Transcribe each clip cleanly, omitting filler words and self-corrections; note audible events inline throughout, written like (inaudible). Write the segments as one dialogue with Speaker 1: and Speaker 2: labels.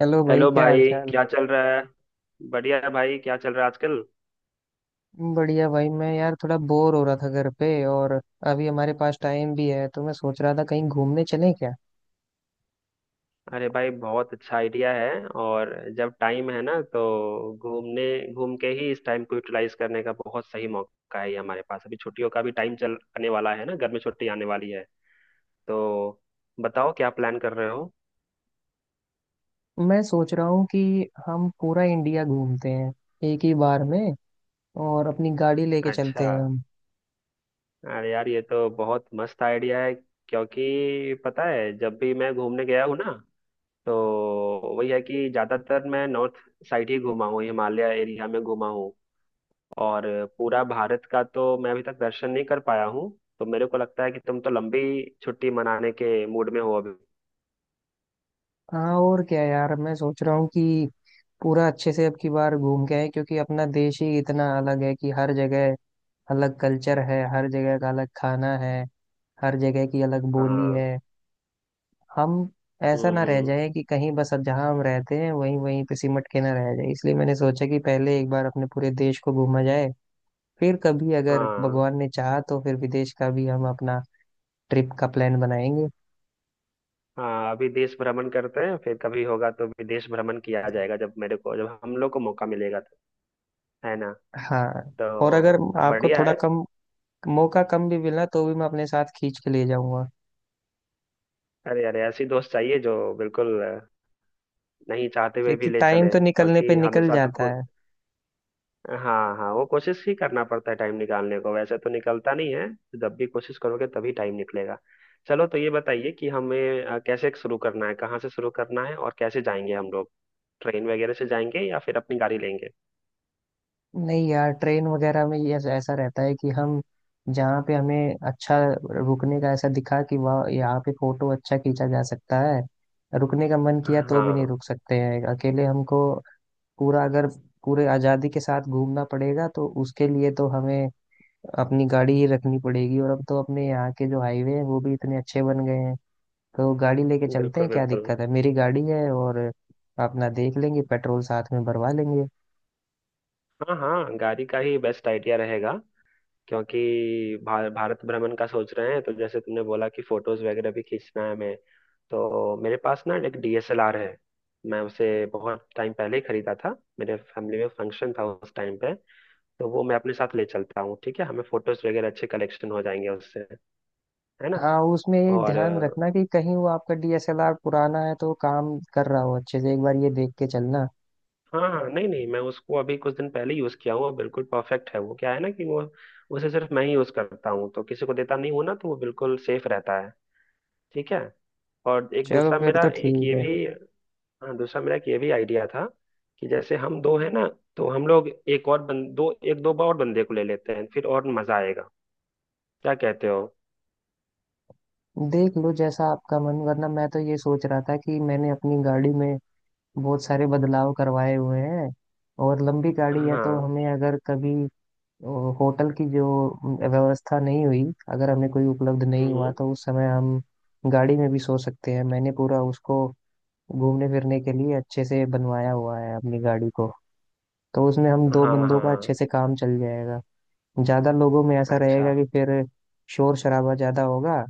Speaker 1: Hello भाई,
Speaker 2: hello
Speaker 1: क्या हाल
Speaker 2: भाई,
Speaker 1: चाल।
Speaker 2: क्या चल रहा है। बढ़िया है भाई, क्या चल रहा है आजकल।
Speaker 1: बढ़िया भाई, मैं यार थोड़ा बोर हो रहा था घर पे, और अभी हमारे पास टाइम भी है, तो मैं सोच रहा था कहीं घूमने चलें क्या।
Speaker 2: अरे भाई बहुत अच्छा आइडिया है। और जब टाइम है ना तो घूमने घूम के ही इस टाइम को यूटिलाइज करने का बहुत सही मौका है। ये हमारे पास अभी छुट्टियों का भी टाइम चल आने वाला है ना, घर में छुट्टी आने वाली है तो बताओ क्या प्लान कर रहे हो।
Speaker 1: मैं सोच रहा हूँ कि हम पूरा इंडिया घूमते हैं एक ही बार में, और अपनी गाड़ी लेके चलते
Speaker 2: अच्छा।
Speaker 1: हैं हम।
Speaker 2: अरे यार ये तो बहुत मस्त आइडिया है। क्योंकि पता है, जब भी मैं घूमने गया हूँ ना तो वही है कि ज्यादातर मैं नॉर्थ साइड ही घूमा हूँ, हिमालय एरिया में घूमा हूँ। और पूरा भारत का तो मैं अभी तक दर्शन नहीं कर पाया हूँ। तो मेरे को लगता है कि तुम तो लंबी छुट्टी मनाने के मूड में हो अभी।
Speaker 1: हाँ, और क्या यार, मैं सोच रहा हूँ कि पूरा अच्छे से अब की बार घूम के आए, क्योंकि अपना देश ही इतना अलग है कि हर जगह अलग कल्चर है, हर जगह का अलग खाना है, हर जगह की अलग बोली
Speaker 2: हाँ।
Speaker 1: है। हम ऐसा
Speaker 2: हम्म
Speaker 1: ना रह
Speaker 2: हम्म,
Speaker 1: जाए कि कहीं बस अब जहाँ हम रहते हैं वहीं वहीं पे सिमट के ना रह जाए, इसलिए मैंने सोचा कि पहले एक बार अपने पूरे देश को घूमा जाए। फिर कभी अगर
Speaker 2: हाँ।
Speaker 1: भगवान ने चाहा तो फिर विदेश का भी हम अपना ट्रिप का प्लान बनाएंगे।
Speaker 2: हाँ, अभी देश भ्रमण करते हैं, फिर कभी होगा तो विदेश भ्रमण किया जाएगा जब मेरे को, जब हम लोग को मौका मिलेगा तो। है ना।
Speaker 1: हाँ, और अगर
Speaker 2: तो
Speaker 1: आपको
Speaker 2: बढ़िया
Speaker 1: थोड़ा
Speaker 2: है।
Speaker 1: कम मौका कम भी मिला तो भी मैं अपने साथ खींच के ले जाऊंगा,
Speaker 2: अरे अरे ऐसी दोस्त चाहिए जो बिल्कुल नहीं चाहते हुए भी
Speaker 1: क्योंकि
Speaker 2: ले
Speaker 1: टाइम
Speaker 2: चले,
Speaker 1: तो निकलने पे
Speaker 2: क्योंकि
Speaker 1: निकल
Speaker 2: हमेशा तो
Speaker 1: जाता है।
Speaker 2: हाँ हाँ वो कोशिश ही करना पड़ता है, टाइम निकालने को वैसे तो निकलता नहीं है। जब भी कोशिश करोगे तभी टाइम निकलेगा। चलो तो ये बताइए कि हमें कैसे शुरू करना है, कहाँ से शुरू करना है और कैसे जाएंगे हम लोग, ट्रेन वगैरह से जाएंगे या फिर अपनी गाड़ी लेंगे।
Speaker 1: नहीं यार, ट्रेन वगैरह में ये ऐसा रहता है कि हम जहाँ पे हमें अच्छा रुकने का ऐसा दिखा कि वहाँ यहाँ पे फोटो अच्छा खींचा जा सकता है, रुकने का मन किया तो भी नहीं
Speaker 2: हाँ,
Speaker 1: रुक सकते हैं अकेले हमको। पूरा अगर पूरे आज़ादी के साथ घूमना पड़ेगा तो उसके लिए तो हमें अपनी गाड़ी ही रखनी पड़ेगी, और अब तो अपने यहाँ के जो हाईवे हैं वो भी इतने अच्छे बन गए हैं। तो गाड़ी लेके चलते
Speaker 2: बिल्कुल
Speaker 1: हैं, क्या
Speaker 2: बिल्कुल।
Speaker 1: दिक्कत है, मेरी गाड़ी है और अपना देख लेंगे, पेट्रोल साथ में भरवा लेंगे।
Speaker 2: हाँ हाँ गाड़ी का ही बेस्ट आइडिया रहेगा। क्योंकि भारत भ्रमण का सोच रहे हैं तो जैसे तुमने बोला कि फोटोज वगैरह भी खींचना है हमें, तो मेरे पास ना एक डीएसएलआर है। मैं उसे बहुत टाइम पहले ही खरीदा था, मेरे फैमिली में फंक्शन था उस टाइम पे। तो वो मैं अपने साथ ले चलता हूँ, ठीक है। हमें फोटोज वगैरह अच्छे कलेक्शन हो जाएंगे उससे, है ना।
Speaker 1: हाँ, उसमें ये
Speaker 2: और
Speaker 1: ध्यान रखना कि कहीं वो आपका डीएसएलआर पुराना है तो वो काम कर रहा हो अच्छे से, एक बार ये देख के चलना।
Speaker 2: हाँ हाँ, नहीं नहीं मैं उसको अभी कुछ दिन पहले यूज़ किया हूँ और बिल्कुल परफेक्ट है वो। क्या है ना कि वो, उसे सिर्फ मैं ही यूज़ करता हूँ, तो किसी को देता नहीं हूँ ना, तो वो बिल्कुल सेफ रहता है। ठीक है। और एक
Speaker 1: चलो
Speaker 2: दूसरा
Speaker 1: फिर
Speaker 2: मेरा
Speaker 1: तो
Speaker 2: एक
Speaker 1: ठीक
Speaker 2: ये
Speaker 1: है।
Speaker 2: भी, हाँ दूसरा मेरा एक ये भी आइडिया था कि जैसे हम दो है ना, तो हम लोग एक और दो, एक दो और बंदे को ले लेते हैं फिर, और मजा आएगा। क्या कहते हो।
Speaker 1: देख लो जैसा आपका मन, वरना मैं तो ये सोच रहा था कि मैंने अपनी गाड़ी में बहुत सारे बदलाव करवाए हुए हैं और लंबी गाड़ी है, तो
Speaker 2: हाँ।
Speaker 1: हमें अगर कभी होटल की जो व्यवस्था नहीं हुई, अगर हमें कोई उपलब्ध नहीं हुआ
Speaker 2: हम्म।
Speaker 1: तो उस समय हम गाड़ी में भी सो सकते हैं। मैंने पूरा उसको घूमने फिरने के लिए अच्छे से बनवाया हुआ है अपनी गाड़ी को, तो उसमें हम
Speaker 2: हाँ
Speaker 1: दो बंदों का अच्छे
Speaker 2: हाँ।
Speaker 1: से काम चल जाएगा। ज्यादा लोगों में ऐसा
Speaker 2: अच्छा।
Speaker 1: रहेगा कि फिर शोर शराबा ज्यादा होगा।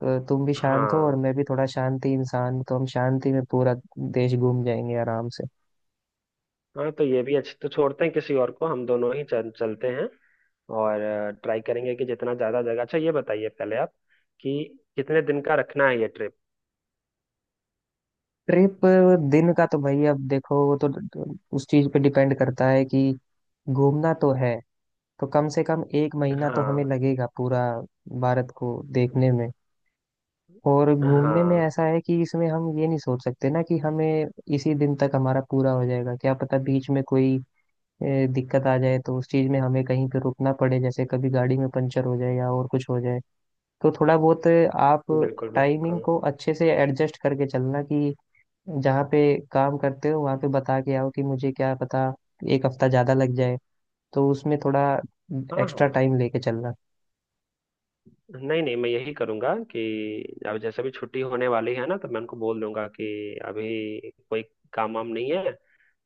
Speaker 1: तो तुम भी शांत हो और
Speaker 2: हाँ
Speaker 1: मैं भी थोड़ा शांति इंसान हूं, तो हम शांति में पूरा देश घूम जाएंगे आराम से।
Speaker 2: हाँ तो ये भी अच्छी, तो छोड़ते हैं किसी और को, हम दोनों ही चलते हैं। और ट्राई करेंगे कि जितना ज्यादा जगह, अच्छा ये बताइए पहले आप कि कितने दिन का रखना है ये ट्रिप।
Speaker 1: ट्रिप दिन का तो भाई अब देखो वो तो उस चीज पे डिपेंड करता है कि घूमना तो है, तो कम से कम 1 महीना तो हमें
Speaker 2: हाँ।
Speaker 1: लगेगा पूरा भारत को देखने में। और घूमने में
Speaker 2: हाँ,
Speaker 1: ऐसा है कि इसमें हम ये नहीं सोच सकते ना कि हमें इसी दिन तक हमारा पूरा हो जाएगा, क्या पता बीच में कोई दिक्कत आ जाए तो उस चीज में हमें कहीं पे रुकना पड़े, जैसे कभी गाड़ी में पंचर हो जाए या और कुछ हो जाए। तो थोड़ा बहुत आप
Speaker 2: बिल्कुल बिल्कुल।
Speaker 1: टाइमिंग को अच्छे से एडजस्ट करके चलना कि जहाँ पे काम करते हो वहाँ पे बता के आओ कि मुझे क्या पता 1 हफ्ता ज्यादा लग जाए, तो उसमें थोड़ा
Speaker 2: हाँ
Speaker 1: एक्स्ट्रा
Speaker 2: हाँ,
Speaker 1: टाइम लेके चलना।
Speaker 2: नहीं नहीं मैं यही करूंगा कि अब जैसे भी छुट्टी होने वाली है ना तो मैं उनको बोल दूंगा कि अभी कोई काम वाम नहीं है,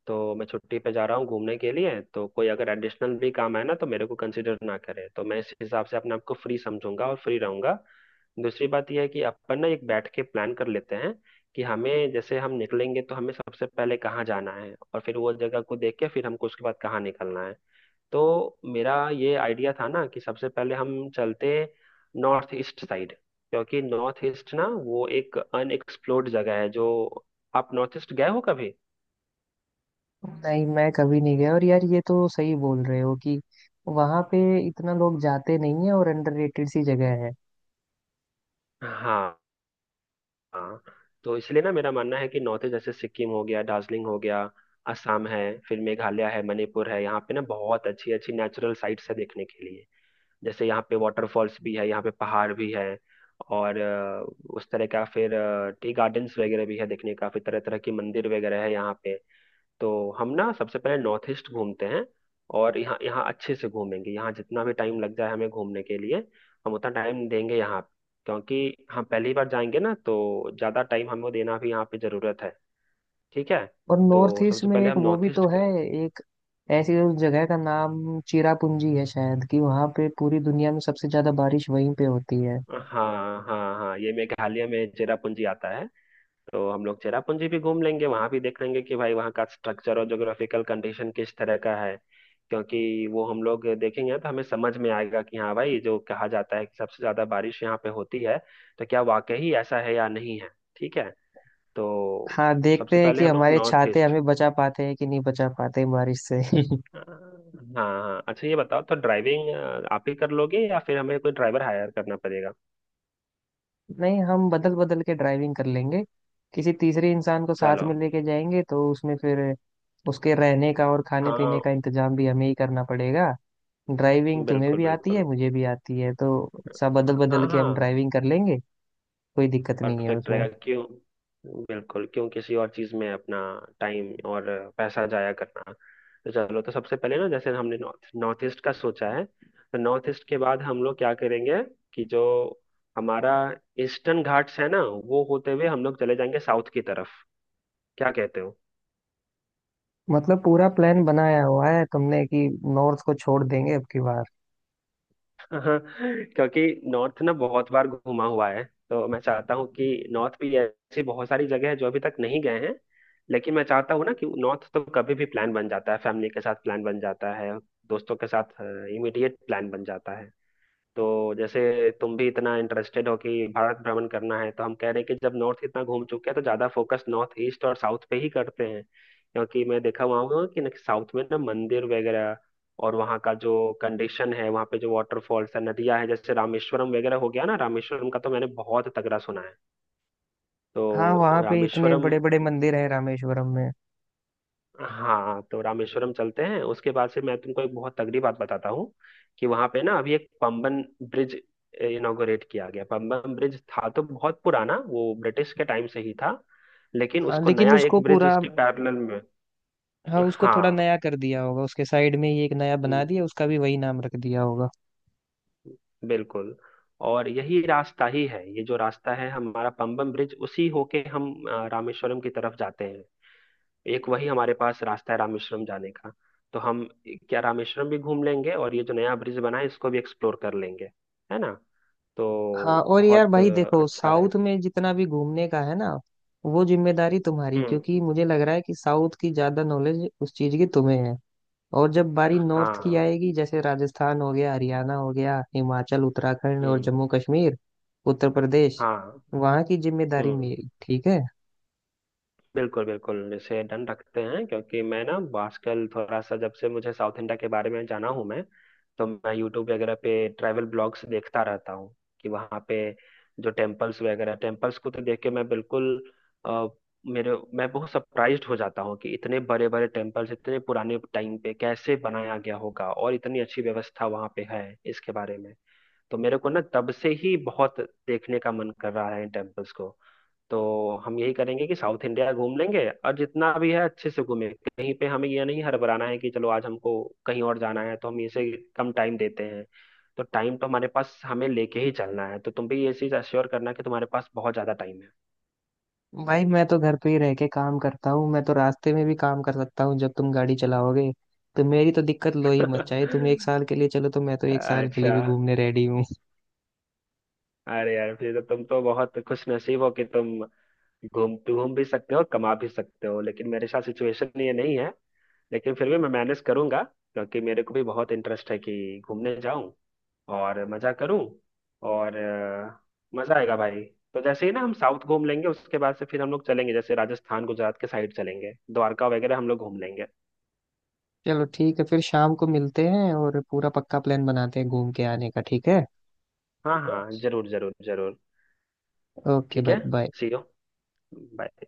Speaker 2: तो मैं छुट्टी पे जा रहा हूँ घूमने के लिए, तो कोई अगर एडिशनल भी काम है ना तो मेरे को कंसिडर ना करे, तो मैं इस हिसाब से अपने आप को फ्री समझूंगा और फ्री रहूंगा। दूसरी बात यह है कि अपन ना एक बैठ के प्लान कर लेते हैं कि हमें, जैसे हम निकलेंगे तो हमें सबसे पहले कहाँ जाना है और फिर वो जगह को देख के फिर हमको उसके बाद कहाँ निकलना है। तो मेरा ये आइडिया था ना कि सबसे पहले हम चलते नॉर्थ ईस्ट साइड, क्योंकि नॉर्थ ईस्ट ना वो एक अनएक्सप्लोर्ड जगह है जो, आप नॉर्थ ईस्ट गए हो कभी।
Speaker 1: नहीं, मैं कभी नहीं गया, और यार ये तो सही बोल रहे हो कि वहाँ पे इतना लोग जाते नहीं है और अंडररेटेड सी जगह है।
Speaker 2: हाँ। हाँ, तो इसलिए ना मेरा मानना है कि नॉर्थ ईस्ट, जैसे सिक्किम हो गया, दार्जिलिंग हो गया, असम है, फिर मेघालय है, मणिपुर है, यहाँ पे ना बहुत अच्छी अच्छी नेचुरल साइट्स है देखने के लिए। जैसे यहाँ पे वाटरफॉल्स भी है, यहाँ पे पहाड़ भी है और उस तरह का, फिर टी गार्डन्स वगैरह भी है देखने का, फिर तरह तरह की मंदिर वगैरह है यहाँ पे। तो हम ना सबसे पहले नॉर्थ ईस्ट घूमते हैं और यहाँ यहाँ अच्छे से घूमेंगे। यहाँ जितना भी टाइम लग जाए हमें घूमने के लिए, हम उतना टाइम देंगे यहाँ। क्योंकि हम पहली बार जाएंगे ना, तो ज़्यादा टाइम हमें देना भी यहाँ पे ज़रूरत है। ठीक है।
Speaker 1: और नॉर्थ
Speaker 2: तो
Speaker 1: ईस्ट
Speaker 2: सबसे
Speaker 1: में
Speaker 2: पहले
Speaker 1: एक
Speaker 2: हम
Speaker 1: वो भी
Speaker 2: नॉर्थ ईस्ट,
Speaker 1: तो है, एक ऐसी उस जगह का नाम चिरापुंजी है शायद, कि वहां पे पूरी दुनिया में सबसे ज्यादा बारिश वहीं पे होती है।
Speaker 2: हाँ हाँ हाँ ये मेघालय में चेरापूंजी आता है। तो हम लोग चेरापूंजी भी घूम लेंगे, वहां भी देख लेंगे कि भाई वहाँ का स्ट्रक्चर और ज्योग्राफिकल कंडीशन किस तरह का है। क्योंकि वो हम लोग देखेंगे तो हमें समझ में आएगा कि हाँ भाई जो कहा जाता है कि सबसे ज्यादा बारिश यहाँ पे होती है, तो क्या वाकई ही ऐसा है या नहीं है। ठीक है। तो
Speaker 1: हाँ,
Speaker 2: सबसे
Speaker 1: देखते हैं
Speaker 2: पहले
Speaker 1: कि
Speaker 2: हम लोग
Speaker 1: हमारे
Speaker 2: नॉर्थ
Speaker 1: छाते
Speaker 2: ईस्ट,
Speaker 1: हमें बचा पाते हैं कि नहीं बचा पाते हैं बारिश से। (laughs)
Speaker 2: हाँ। हाँ अच्छा ये बताओ तो ड्राइविंग आप ही कर लोगे या फिर हमें कोई ड्राइवर हायर करना पड़ेगा।
Speaker 1: नहीं, हम बदल बदल के ड्राइविंग कर लेंगे, किसी तीसरे इंसान को साथ
Speaker 2: चलो।
Speaker 1: में लेके जाएंगे तो उसमें फिर उसके रहने का और खाने
Speaker 2: हाँ,
Speaker 1: पीने का इंतजाम भी हमें ही करना पड़ेगा। ड्राइविंग तुम्हें
Speaker 2: बिल्कुल
Speaker 1: भी आती
Speaker 2: बिल्कुल।
Speaker 1: है मुझे भी आती है, तो सब बदल
Speaker 2: हाँ
Speaker 1: बदल के हम
Speaker 2: हाँ,
Speaker 1: ड्राइविंग कर लेंगे, कोई दिक्कत नहीं है
Speaker 2: परफेक्ट
Speaker 1: उसमें।
Speaker 2: रहेगा। क्यों बिल्कुल, क्यों किसी और चीज में अपना टाइम और पैसा जाया करना। तो चलो, तो सबसे पहले ना जैसे हमने नॉर्थ नॉर्थ ईस्ट का सोचा है, तो नॉर्थ ईस्ट के बाद हम लोग क्या करेंगे कि जो हमारा ईस्टर्न घाट्स है ना, वो होते हुए हम लोग चले जाएंगे साउथ की तरफ। क्या कहते हो।
Speaker 1: मतलब पूरा प्लान बनाया हुआ है तुमने कि नॉर्थ को छोड़ देंगे अब की बार।
Speaker 2: हाँ, क्योंकि नॉर्थ ना बहुत बार घुमा हुआ है। तो मैं चाहता हूँ कि नॉर्थ भी ऐसी बहुत सारी जगह है जो अभी तक नहीं गए हैं, लेकिन मैं चाहता हूँ ना कि नॉर्थ तो कभी भी प्लान बन जाता है, फैमिली के साथ प्लान बन जाता है, दोस्तों के साथ इमीडिएट प्लान बन जाता है। तो जैसे तुम भी इतना इंटरेस्टेड हो कि भारत भ्रमण करना है, तो हम कह रहे हैं कि जब नॉर्थ इतना घूम चुके हैं, तो ज्यादा फोकस नॉर्थ ईस्ट और साउथ पे ही करते हैं। क्योंकि मैं देखा हुआ हूँ कि ना साउथ में ना मंदिर वगैरह, और वहाँ का जो कंडीशन है, वहाँ पे जो वाटरफॉल्स है, नदियाँ है, जैसे रामेश्वरम वगैरह हो गया ना, रामेश्वरम का तो मैंने बहुत तगड़ा सुना है।
Speaker 1: हाँ,
Speaker 2: तो
Speaker 1: वहाँ पे इतने
Speaker 2: रामेश्वरम,
Speaker 1: बड़े बड़े मंदिर हैं रामेश्वरम में।
Speaker 2: हाँ तो रामेश्वरम चलते हैं। उसके बाद से मैं तुमको एक बहुत तगड़ी बात बताता हूँ कि वहां पे ना अभी एक पंबन ब्रिज इनॉग्रेट किया गया। पंबन ब्रिज था तो बहुत पुराना, वो ब्रिटिश के टाइम से ही था, लेकिन
Speaker 1: हाँ,
Speaker 2: उसको
Speaker 1: लेकिन
Speaker 2: नया
Speaker 1: उसको
Speaker 2: एक ब्रिज
Speaker 1: पूरा,
Speaker 2: उसके पैरेलल में,
Speaker 1: हाँ उसको थोड़ा
Speaker 2: हाँ,
Speaker 1: नया कर दिया होगा, उसके साइड में ही एक नया बना
Speaker 2: हम्म,
Speaker 1: दिया, उसका भी वही नाम रख दिया होगा।
Speaker 2: बिल्कुल। और यही रास्ता ही है, ये जो रास्ता है हमारा पंबन ब्रिज, उसी होके हम रामेश्वरम की तरफ जाते हैं। एक वही हमारे पास रास्ता है रामेश्वरम जाने का। तो हम क्या, रामेश्वरम भी घूम लेंगे और ये जो नया ब्रिज बना है इसको भी एक्सप्लोर कर लेंगे, है ना। तो
Speaker 1: हाँ, और यार
Speaker 2: बहुत
Speaker 1: भाई देखो
Speaker 2: अच्छा रहे।
Speaker 1: साउथ में जितना भी घूमने का है ना, वो जिम्मेदारी तुम्हारी,
Speaker 2: हम्म।
Speaker 1: क्योंकि मुझे लग रहा है कि साउथ की ज्यादा नॉलेज उस चीज की तुम्हें है। और जब बारी नॉर्थ की
Speaker 2: हाँ।
Speaker 1: आएगी, जैसे राजस्थान हो गया, हरियाणा हो गया, हिमाचल, उत्तराखंड और
Speaker 2: हम्म।
Speaker 1: जम्मू कश्मीर, उत्तर प्रदेश,
Speaker 2: हाँ।
Speaker 1: वहाँ की जिम्मेदारी
Speaker 2: हम्म।
Speaker 1: मेरी, ठीक है।
Speaker 2: बिल्कुल बिल्कुल, इसे डन रखते हैं। क्योंकि मैं ना आजकल थोड़ा सा, जब से मुझे साउथ इंडिया के बारे में जाना हूँ मैं, तो मैं यूट्यूब वगैरह पे ट्रैवल ब्लॉग्स देखता रहता हूँ कि वहाँ पे जो टेम्पल्स वगैरह, टेम्पल्स को तो देख के मैं बिल्कुल अ, मेरे, मैं बहुत सरप्राइज्ड हो जाता हूँ कि इतने बड़े बड़े टेम्पल्स इतने पुराने टाइम पे कैसे बनाया गया होगा और इतनी अच्छी व्यवस्था वहाँ पे है इसके बारे में। तो मेरे को ना तब से ही बहुत देखने का मन कर रहा है इन टेम्पल्स को। तो हम यही करेंगे कि साउथ इंडिया घूम लेंगे और जितना भी है अच्छे से घूमें, कहीं पे हमें यह नहीं हड़बड़ाना है कि चलो आज हमको कहीं और जाना है तो हम इसे कम टाइम देते हैं। तो टाइम तो हमारे पास हमें लेके ही चलना है। तो तुम भी ये चीज अश्योर करना कि तुम्हारे पास बहुत ज्यादा टाइम है।
Speaker 1: भाई मैं तो घर पे ही रह के काम करता हूँ, मैं तो रास्ते में भी काम कर सकता हूँ जब तुम गाड़ी चलाओगे। तो मेरी तो दिक्कत लो ही मत, चाहे
Speaker 2: (laughs)
Speaker 1: तुम 1 साल के लिए चलो तो मैं तो 1 साल के लिए भी
Speaker 2: अच्छा।
Speaker 1: घूमने रेडी हूँ।
Speaker 2: अरे यार, फिर तो तुम तो बहुत खुश नसीब हो कि तुम घूम घूम भी सकते हो, कमा भी सकते हो, लेकिन मेरे साथ सिचुएशन ये नहीं है। लेकिन फिर भी मैं मैनेज करूंगा, क्योंकि मेरे को भी बहुत इंटरेस्ट है कि घूमने जाऊं और मजा करूं। और मजा आएगा भाई। तो जैसे ही ना हम साउथ घूम लेंगे, उसके बाद से फिर हम लोग चलेंगे, जैसे राजस्थान, गुजरात के साइड चलेंगे, द्वारका वगैरह हम लोग घूम लेंगे।
Speaker 1: (laughs) चलो ठीक है, फिर शाम को मिलते हैं और पूरा पक्का प्लान बनाते हैं घूम के आने का, ठीक है।
Speaker 2: हाँ हाँ, जरूर जरूर जरूर।
Speaker 1: ओके
Speaker 2: ठीक
Speaker 1: भाई,
Speaker 2: है।
Speaker 1: बाय।
Speaker 2: See you. बाय।